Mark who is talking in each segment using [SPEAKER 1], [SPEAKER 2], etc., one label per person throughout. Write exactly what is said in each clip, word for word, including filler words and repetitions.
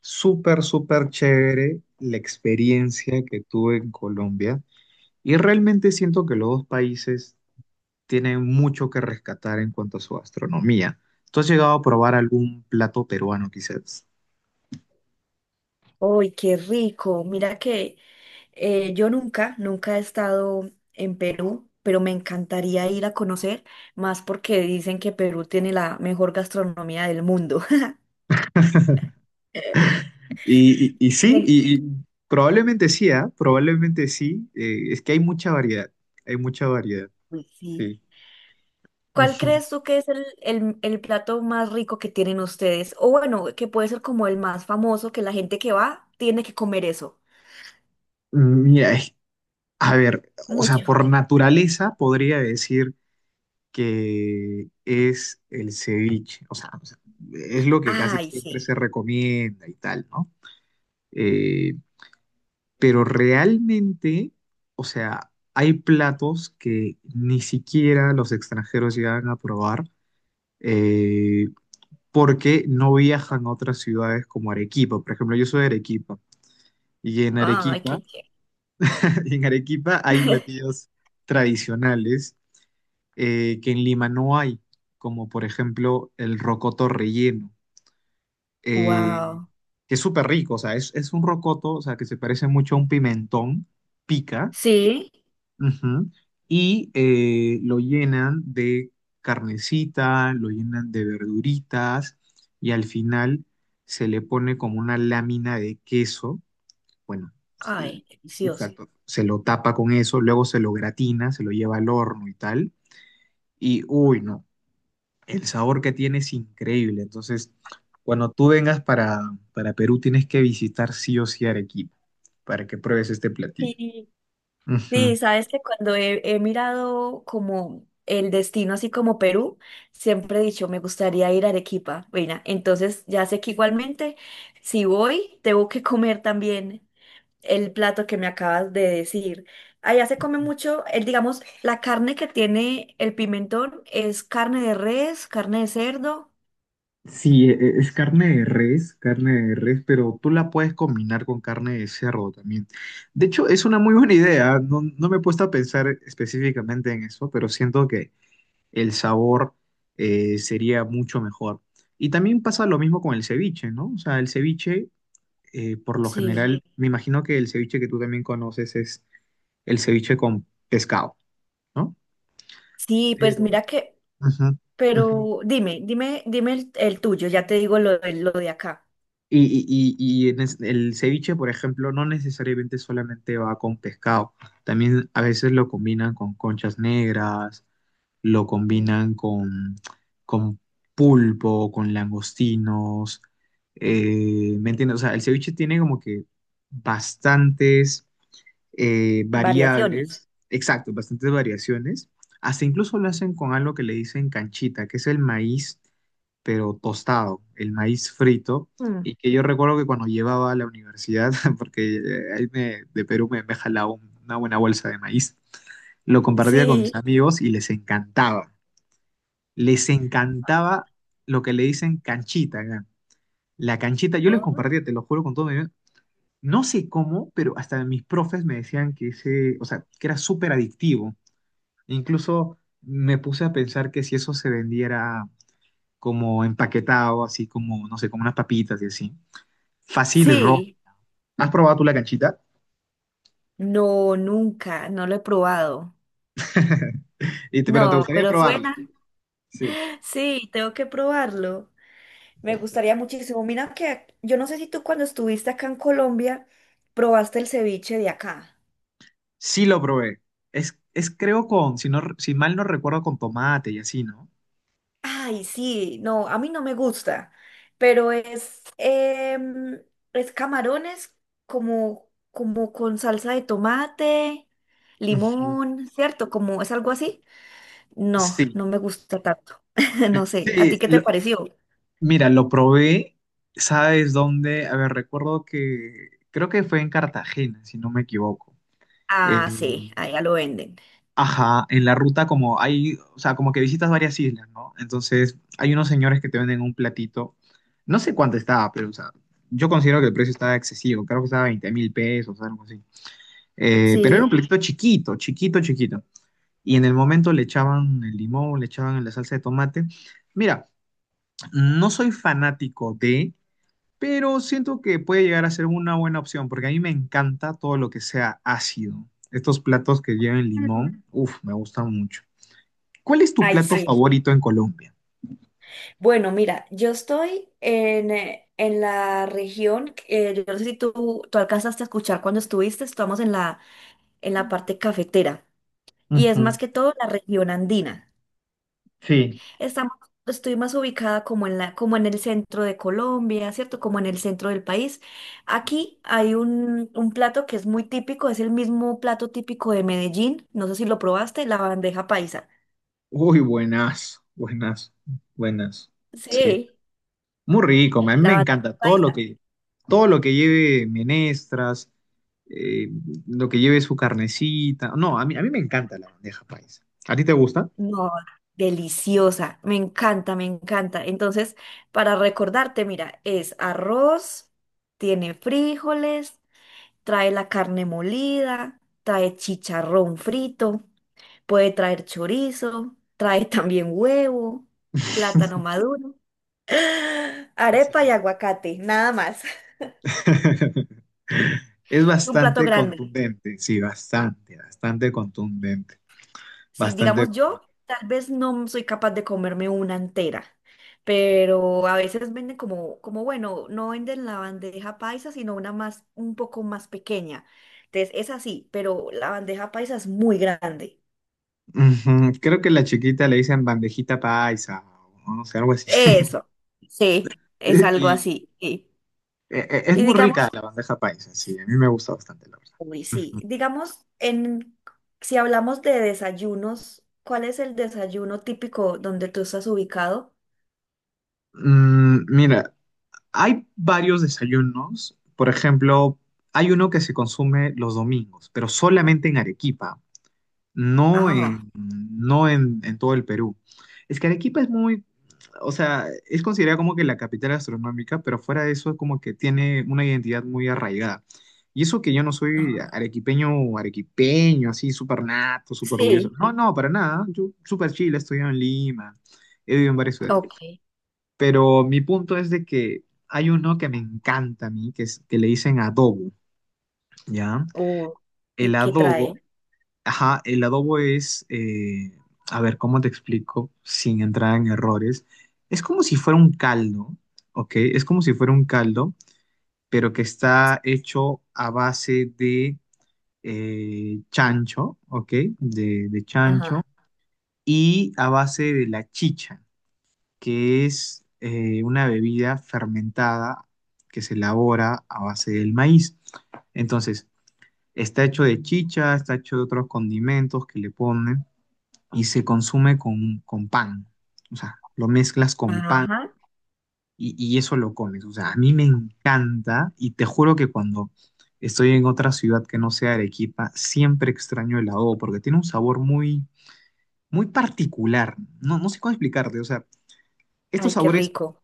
[SPEAKER 1] Súper, súper chévere la experiencia que tuve en Colombia y realmente siento que los dos países tienen mucho que rescatar en cuanto a su gastronomía. ¿Tú has llegado a probar algún plato peruano quizás?
[SPEAKER 2] ¡Uy, qué rico! Mira que eh, yo nunca, nunca he estado en Perú, pero me encantaría ir a conocer, más porque dicen que Perú tiene la mejor gastronomía del mundo.
[SPEAKER 1] Y, y- y sí.
[SPEAKER 2] Me-
[SPEAKER 1] Y, y probablemente sí, ¿ah? Probablemente sí. Eh, es que hay mucha variedad, hay mucha variedad.
[SPEAKER 2] Uy, sí.
[SPEAKER 1] Sí.
[SPEAKER 2] ¿Cuál
[SPEAKER 1] Ujú.
[SPEAKER 2] crees tú que es el, el- el plato más rico que tienen ustedes? O bueno, que puede ser como el más famoso, que la gente que va tiene que comer eso.
[SPEAKER 1] Mira, es- a ver, o sea,
[SPEAKER 2] Mucho.
[SPEAKER 1] por naturaleza podría decir que es el ceviche. O sea, o sea, es lo que casi
[SPEAKER 2] Ay,
[SPEAKER 1] siempre
[SPEAKER 2] sí.
[SPEAKER 1] se recomienda y tal, ¿no? Eh, pero realmente, o sea, hay platos que ni siquiera los extranjeros llegan a probar, eh, porque no viajan a otras ciudades como Arequipa. Por ejemplo, yo soy de Arequipa, y en
[SPEAKER 2] Ay, qué
[SPEAKER 1] Arequipa,
[SPEAKER 2] chévere.
[SPEAKER 1] en Arequipa hay platillos tradicionales, eh, que en Lima no hay, como por ejemplo el rocoto relleno. eh,
[SPEAKER 2] Wow.
[SPEAKER 1] que es súper rico, o sea, es, es un rocoto, o sea, que se parece mucho a un pimentón, pica,
[SPEAKER 2] Sí.
[SPEAKER 1] ujú, y eh, lo llenan de carnecita, lo llenan de verduritas, y al final se le pone como una lámina de queso, bueno,
[SPEAKER 2] Ay,
[SPEAKER 1] se-
[SPEAKER 2] delicioso.
[SPEAKER 1] exacto, se lo tapa con eso, luego se lo gratina, se lo lleva al horno y tal, y uy, no. El sabor que tiene es increíble. Entonces, cuando tú vengas para, para Perú, tienes que visitar sí o sí Arequipa para que pruebes este platillo.
[SPEAKER 2] Sí, sí,
[SPEAKER 1] Ujú.
[SPEAKER 2] sabes que cuando he, he mirado como el destino, así como Perú, siempre he dicho, me gustaría ir a Arequipa. Bueno, entonces ya sé que igualmente, si voy, tengo que comer también el plato que me acabas de decir. Allá se come mucho, el, digamos, la carne que tiene el pimentón es carne de res, carne de cerdo.
[SPEAKER 1] Sí, e- e- es carne de res, carne de res, pero tú la puedes combinar con carne de cerdo también. De hecho, es una muy buena idea, ¿ah? No, no me he puesto a pensar específicamente en eso, pero siento que el sabor, eh, sería mucho mejor. Y también pasa lo mismo con el ceviche, ¿no? O sea, el ceviche, eh, por lo
[SPEAKER 2] Sí.
[SPEAKER 1] general, me imagino que el ceviche que tú también conoces es el ceviche con pescado, ¿no?
[SPEAKER 2] Sí, pues
[SPEAKER 1] Pero,
[SPEAKER 2] mira que,
[SPEAKER 1] ujú, ujú.
[SPEAKER 2] pero dime, dime, dime el, el tuyo, ya te digo lo, de- lo de acá.
[SPEAKER 1] Y, y- y- y en es- el ceviche, por ejemplo, no necesariamente solamente va con pescado, también a veces lo combinan con conchas negras, lo
[SPEAKER 2] Mm.
[SPEAKER 1] combinan con, con pulpo, con langostinos, eh, ¿me entiendes? O sea, el ceviche tiene como que bastantes, eh,
[SPEAKER 2] Variaciones.
[SPEAKER 1] variables, exacto, bastantes variaciones. Hasta incluso lo hacen con algo que le dicen canchita, que es el maíz, pero tostado, el maíz frito. Y que yo recuerdo que cuando llevaba a la universidad, porque eh, ahí me- de Perú me, me jalaba un- una buena bolsa de maíz, lo compartía con mis
[SPEAKER 2] Sí.
[SPEAKER 1] amigos y les encantaba. Les encantaba lo que le dicen canchita acá. La canchita, yo les
[SPEAKER 2] Oh.
[SPEAKER 1] compartía, te lo juro con todo, no sé cómo, pero hasta mis profes me decían que ese, o sea, que era súper adictivo. Incluso me puse a pensar que si eso se vendiera como empaquetado, así como, no sé, como unas papitas y así. Fácil y rojo.
[SPEAKER 2] Sí,
[SPEAKER 1] ¿Has probado tú la canchita?
[SPEAKER 2] no, nunca, no lo he probado.
[SPEAKER 1] Y te- pero te
[SPEAKER 2] No,
[SPEAKER 1] gustaría
[SPEAKER 2] pero
[SPEAKER 1] probarla.
[SPEAKER 2] suena.
[SPEAKER 1] Sí.
[SPEAKER 2] Sí, tengo que probarlo. Me gustaría muchísimo. Mira que yo no sé si tú cuando estuviste acá en Colombia probaste el ceviche de acá.
[SPEAKER 1] Sí lo probé. Es, es creo con, si no, si mal no recuerdo, con tomate y así, ¿no?
[SPEAKER 2] Ay, sí, no, a mí no me gusta, pero es, em, es camarones como, como con salsa de tomate,
[SPEAKER 1] Ujú.
[SPEAKER 2] limón, ¿cierto? Como es algo así. No,
[SPEAKER 1] Sí.
[SPEAKER 2] no me gusta tanto. No sé, ¿a ti
[SPEAKER 1] Sí,
[SPEAKER 2] qué te
[SPEAKER 1] lo,
[SPEAKER 2] pareció?
[SPEAKER 1] Mira, lo probé, ¿sabes dónde? A ver, recuerdo que creo que fue en Cartagena, si no me equivoco. Eh,
[SPEAKER 2] Ah, sí, allá lo venden.
[SPEAKER 1] ajá, en la ruta como hay, o sea, como que visitas varias islas, ¿no? Entonces, hay unos señores que te venden un platito, no sé cuánto estaba, pero, o sea, yo considero que el precio estaba excesivo, creo que estaba veinte mil pesos, algo así. Eh, pero era un
[SPEAKER 2] Sí.
[SPEAKER 1] platito chiquito, chiquito, chiquito. Y en el momento le echaban el limón, le echaban la salsa de tomate. Mira, no soy fanático de... pero siento que puede llegar a ser una buena opción porque a mí me encanta todo lo que sea ácido. Estos platos que lleven
[SPEAKER 2] Mm.
[SPEAKER 1] limón, uff, me gustan mucho. ¿Cuál es tu
[SPEAKER 2] Ay,
[SPEAKER 1] plato
[SPEAKER 2] sí.
[SPEAKER 1] favorito en Colombia?
[SPEAKER 2] Bueno, mira, yo estoy en, eh, en la región, eh, yo no sé si tú, tú alcanzaste a escuchar cuando estuviste, estamos en la, en la parte cafetera y es
[SPEAKER 1] Ujú.
[SPEAKER 2] más que todo la región andina.
[SPEAKER 1] Sí.
[SPEAKER 2] Estamos, estoy más ubicada como en la, como en el centro de Colombia, ¿cierto? Como en el centro del país. Aquí hay un, un plato que es muy típico, es el mismo plato típico de Medellín. No sé si lo probaste, la bandeja paisa.
[SPEAKER 1] Uy, buenas, buenas, buenas. Sí.
[SPEAKER 2] Sí,
[SPEAKER 1] Muy rico, a mí
[SPEAKER 2] la
[SPEAKER 1] me
[SPEAKER 2] bandeja
[SPEAKER 1] encanta todo lo
[SPEAKER 2] paisa.
[SPEAKER 1] que, todo lo que lleve menestras, eh, lo que lleve su carnecita. No, a mí, a mí me encanta la bandeja paisa. ¿A ti te gusta?
[SPEAKER 2] No, deliciosa. Me encanta, me encanta. Entonces, para recordarte, mira, es arroz, tiene frijoles, trae la carne molida, trae chicharrón frito. Puede traer chorizo, trae también huevo, plátano maduro, arepa y
[SPEAKER 1] Sí.
[SPEAKER 2] aguacate, nada más.
[SPEAKER 1] Es
[SPEAKER 2] Es un plato
[SPEAKER 1] bastante
[SPEAKER 2] grande.
[SPEAKER 1] contundente, sí, bastante, bastante contundente,
[SPEAKER 2] Si
[SPEAKER 1] bastante.
[SPEAKER 2] digamos yo, tal vez no soy capaz de comerme una entera, pero a veces venden como, como bueno, no venden la bandeja paisa, sino una más, un poco más pequeña. Entonces es así, pero la bandeja paisa es muy grande.
[SPEAKER 1] Ujú. Creo que la chiquita le dicen bandejita paisa o no sé, algo así.
[SPEAKER 2] Eso, sí, es algo
[SPEAKER 1] Y
[SPEAKER 2] así. Sí.
[SPEAKER 1] eh, eh, es
[SPEAKER 2] Y
[SPEAKER 1] muy rica
[SPEAKER 2] digamos,
[SPEAKER 1] la bandeja paisa, sí, a mí me gusta bastante, la
[SPEAKER 2] uy, sí.
[SPEAKER 1] verdad.
[SPEAKER 2] Digamos, en, si hablamos de desayunos, ¿cuál es el desayuno típico donde tú estás ubicado?
[SPEAKER 1] Mm, mira, hay varios desayunos. Por ejemplo, hay uno que se consume los domingos, pero solamente en Arequipa. No
[SPEAKER 2] Ah,
[SPEAKER 1] en, no en, en todo el Perú. Es que Arequipa es muy, o sea, es considerada como que la capital astronómica, pero fuera de eso es como que tiene una identidad muy arraigada. Y eso que yo no soy
[SPEAKER 2] ah,
[SPEAKER 1] arequipeño o arequipeño, así súper nato, súper orgulloso.
[SPEAKER 2] sí.
[SPEAKER 1] No, no, para nada. Yo súper chile, he estudiado en Lima, he vivido en varias ciudades.
[SPEAKER 2] Ok.
[SPEAKER 1] Pero mi punto es de que hay uno que me encanta a mí, que, es, que le dicen adobo, ¿ya?
[SPEAKER 2] Uh,
[SPEAKER 1] El
[SPEAKER 2] ¿y qué
[SPEAKER 1] adobo.
[SPEAKER 2] trae?
[SPEAKER 1] Ajá, el adobo es, eh, a ver, ¿cómo te explico? Sin entrar en errores. Es como si fuera un caldo, ¿ok? Es como si fuera un caldo, pero que está hecho a base de eh, chancho, ¿ok? De, de chancho
[SPEAKER 2] Ajá.
[SPEAKER 1] y a base de la chicha, que es eh, una bebida fermentada que se elabora a base del maíz. Entonces, está hecho de chicha, está hecho de otros condimentos que le ponen y se consume con, con pan. O sea, lo mezclas con pan
[SPEAKER 2] Ajá.
[SPEAKER 1] y, y eso lo comes. O sea, a mí me encanta y te juro que cuando estoy en otra ciudad que no sea Arequipa, siempre extraño el adobo porque tiene un sabor muy, muy particular. No, no sé cómo explicarte. O sea, estos
[SPEAKER 2] Ay, qué
[SPEAKER 1] sabores
[SPEAKER 2] rico.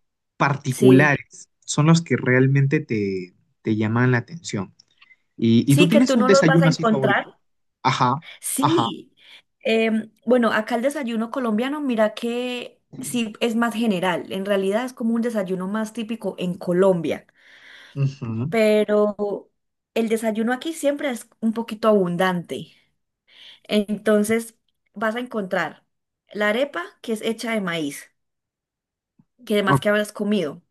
[SPEAKER 2] Sí.
[SPEAKER 1] particulares son los que realmente te, te llaman la atención. Y, y tú
[SPEAKER 2] Sí, que
[SPEAKER 1] tienes
[SPEAKER 2] tú
[SPEAKER 1] un
[SPEAKER 2] no los vas a
[SPEAKER 1] desayuno así
[SPEAKER 2] encontrar.
[SPEAKER 1] favorito? Ajá, ajá.
[SPEAKER 2] Sí. Em, bueno, acá el desayuno colombiano, mira que sí es más general. En realidad es como un desayuno más típico en Colombia.
[SPEAKER 1] Ujú.
[SPEAKER 2] Pero el desayuno aquí siempre es un poquito abundante. Entonces vas a encontrar la arepa que es hecha de maíz, que
[SPEAKER 1] Oh,
[SPEAKER 2] además que habrás comido.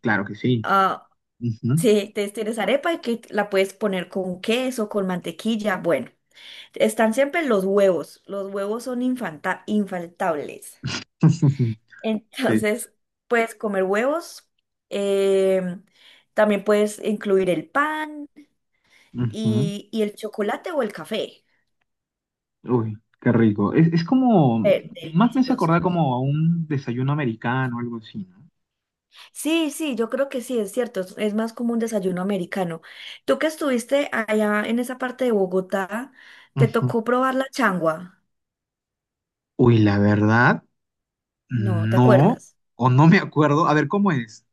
[SPEAKER 1] claro que sí.
[SPEAKER 2] Ah,
[SPEAKER 1] Ujú.
[SPEAKER 2] sí, te- tienes arepa y que la puedes poner con queso, con mantequilla. Bueno, están siempre los huevos. Los huevos son infanta- infaltables. Entonces puedes comer huevos. em, también puedes incluir el pan
[SPEAKER 1] Ujú.
[SPEAKER 2] y, y el chocolate o el café.
[SPEAKER 1] Uy, qué rico. Es, es como,
[SPEAKER 2] Eh,
[SPEAKER 1] más me hace acordar
[SPEAKER 2] delicioso.
[SPEAKER 1] como a un desayuno americano, algo así, ¿no?
[SPEAKER 2] Sí, sí, yo creo que sí, es cierto, es, es más como un desayuno americano. Tú que estuviste allá en esa parte de Bogotá, ¿te
[SPEAKER 1] Ujú.
[SPEAKER 2] tocó probar la changua?
[SPEAKER 1] Uy, la verdad,
[SPEAKER 2] No, ¿te
[SPEAKER 1] no,
[SPEAKER 2] acuerdas?
[SPEAKER 1] o no me acuerdo. A ver, ¿cómo es?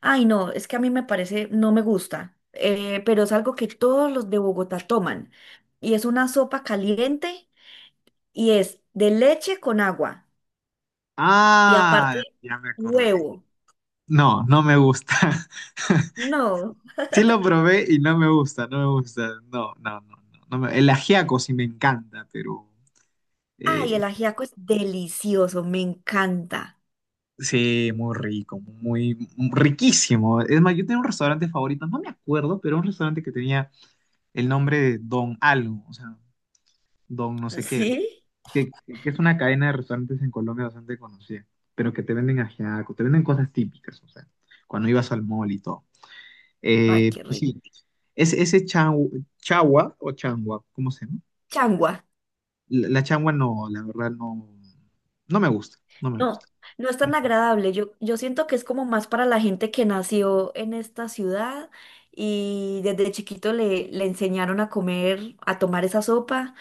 [SPEAKER 2] Ay, no, es que a mí me parece, no me gusta, eh, pero es algo que todos los de Bogotá toman y es una sopa caliente y es de leche con agua y aparte
[SPEAKER 1] Ah, ya me acordé.
[SPEAKER 2] huevo.
[SPEAKER 1] No, no me gusta.
[SPEAKER 2] No,
[SPEAKER 1] Sí lo probé y no me gusta, no me gusta. No, no, no, no. no me- el ajiaco sí me encanta, pero
[SPEAKER 2] ay, el
[SPEAKER 1] eh,
[SPEAKER 2] ajiaco es delicioso, me encanta.
[SPEAKER 1] sí, muy rico, muy, muy riquísimo. Es más, yo tenía un restaurante favorito, no me acuerdo, pero un restaurante que tenía el nombre de Don Algo, o sea, Don no sé qué,
[SPEAKER 2] ¿Sí?
[SPEAKER 1] que, que es una cadena de restaurantes en Colombia bastante conocida, pero que te venden ajiaco, te venden cosas típicas, o sea, cuando ibas al mall y todo.
[SPEAKER 2] Ay,
[SPEAKER 1] Eh,
[SPEAKER 2] qué
[SPEAKER 1] pues
[SPEAKER 2] rico.
[SPEAKER 1] sí, es, ese chau- chagua o changua, ¿cómo se llama?
[SPEAKER 2] Changua.
[SPEAKER 1] La, la changua no, la verdad no, no me gusta, no me gusta.
[SPEAKER 2] No, no es tan agradable. Yo, yo siento que es como más para la gente que nació en esta ciudad y desde chiquito le, le enseñaron a comer, a tomar esa sopa,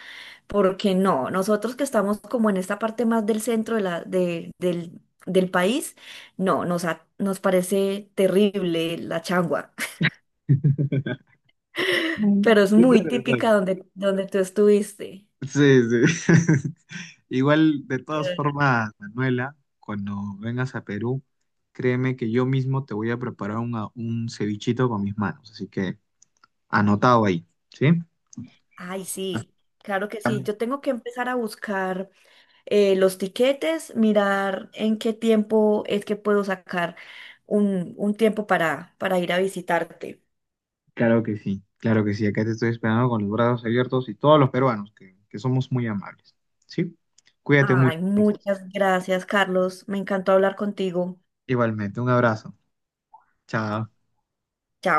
[SPEAKER 2] porque no, nosotros que estamos como en esta parte más del centro de la, de- del, del país, no, nos, ha- nos parece terrible la changua, pero es muy
[SPEAKER 1] Interesante.
[SPEAKER 2] típica donde, donde tú estuviste.
[SPEAKER 1] Sí, sí. Igual, de todas
[SPEAKER 2] Pero-
[SPEAKER 1] formas, Manuela, cuando vengas a Perú, créeme que yo mismo te voy a preparar una- un cevichito con mis manos. Así que anotado ahí, ¿sí?
[SPEAKER 2] Ay, sí, claro que sí.
[SPEAKER 1] Estamos-
[SPEAKER 2] Yo tengo que empezar a buscar eh, los tiquetes, mirar en qué tiempo es que puedo sacar un, un tiempo para, para ir a visitarte.
[SPEAKER 1] Claro que sí, claro que sí. Acá te estoy esperando con los brazos abiertos y todos los peruanos, que, que somos muy amables, ¿sí? Cuídate
[SPEAKER 2] Ay,
[SPEAKER 1] mucho, entonces.
[SPEAKER 2] muchas gracias, Carlos. Me encantó hablar contigo.
[SPEAKER 1] Igualmente, un abrazo. Chao.
[SPEAKER 2] Chao.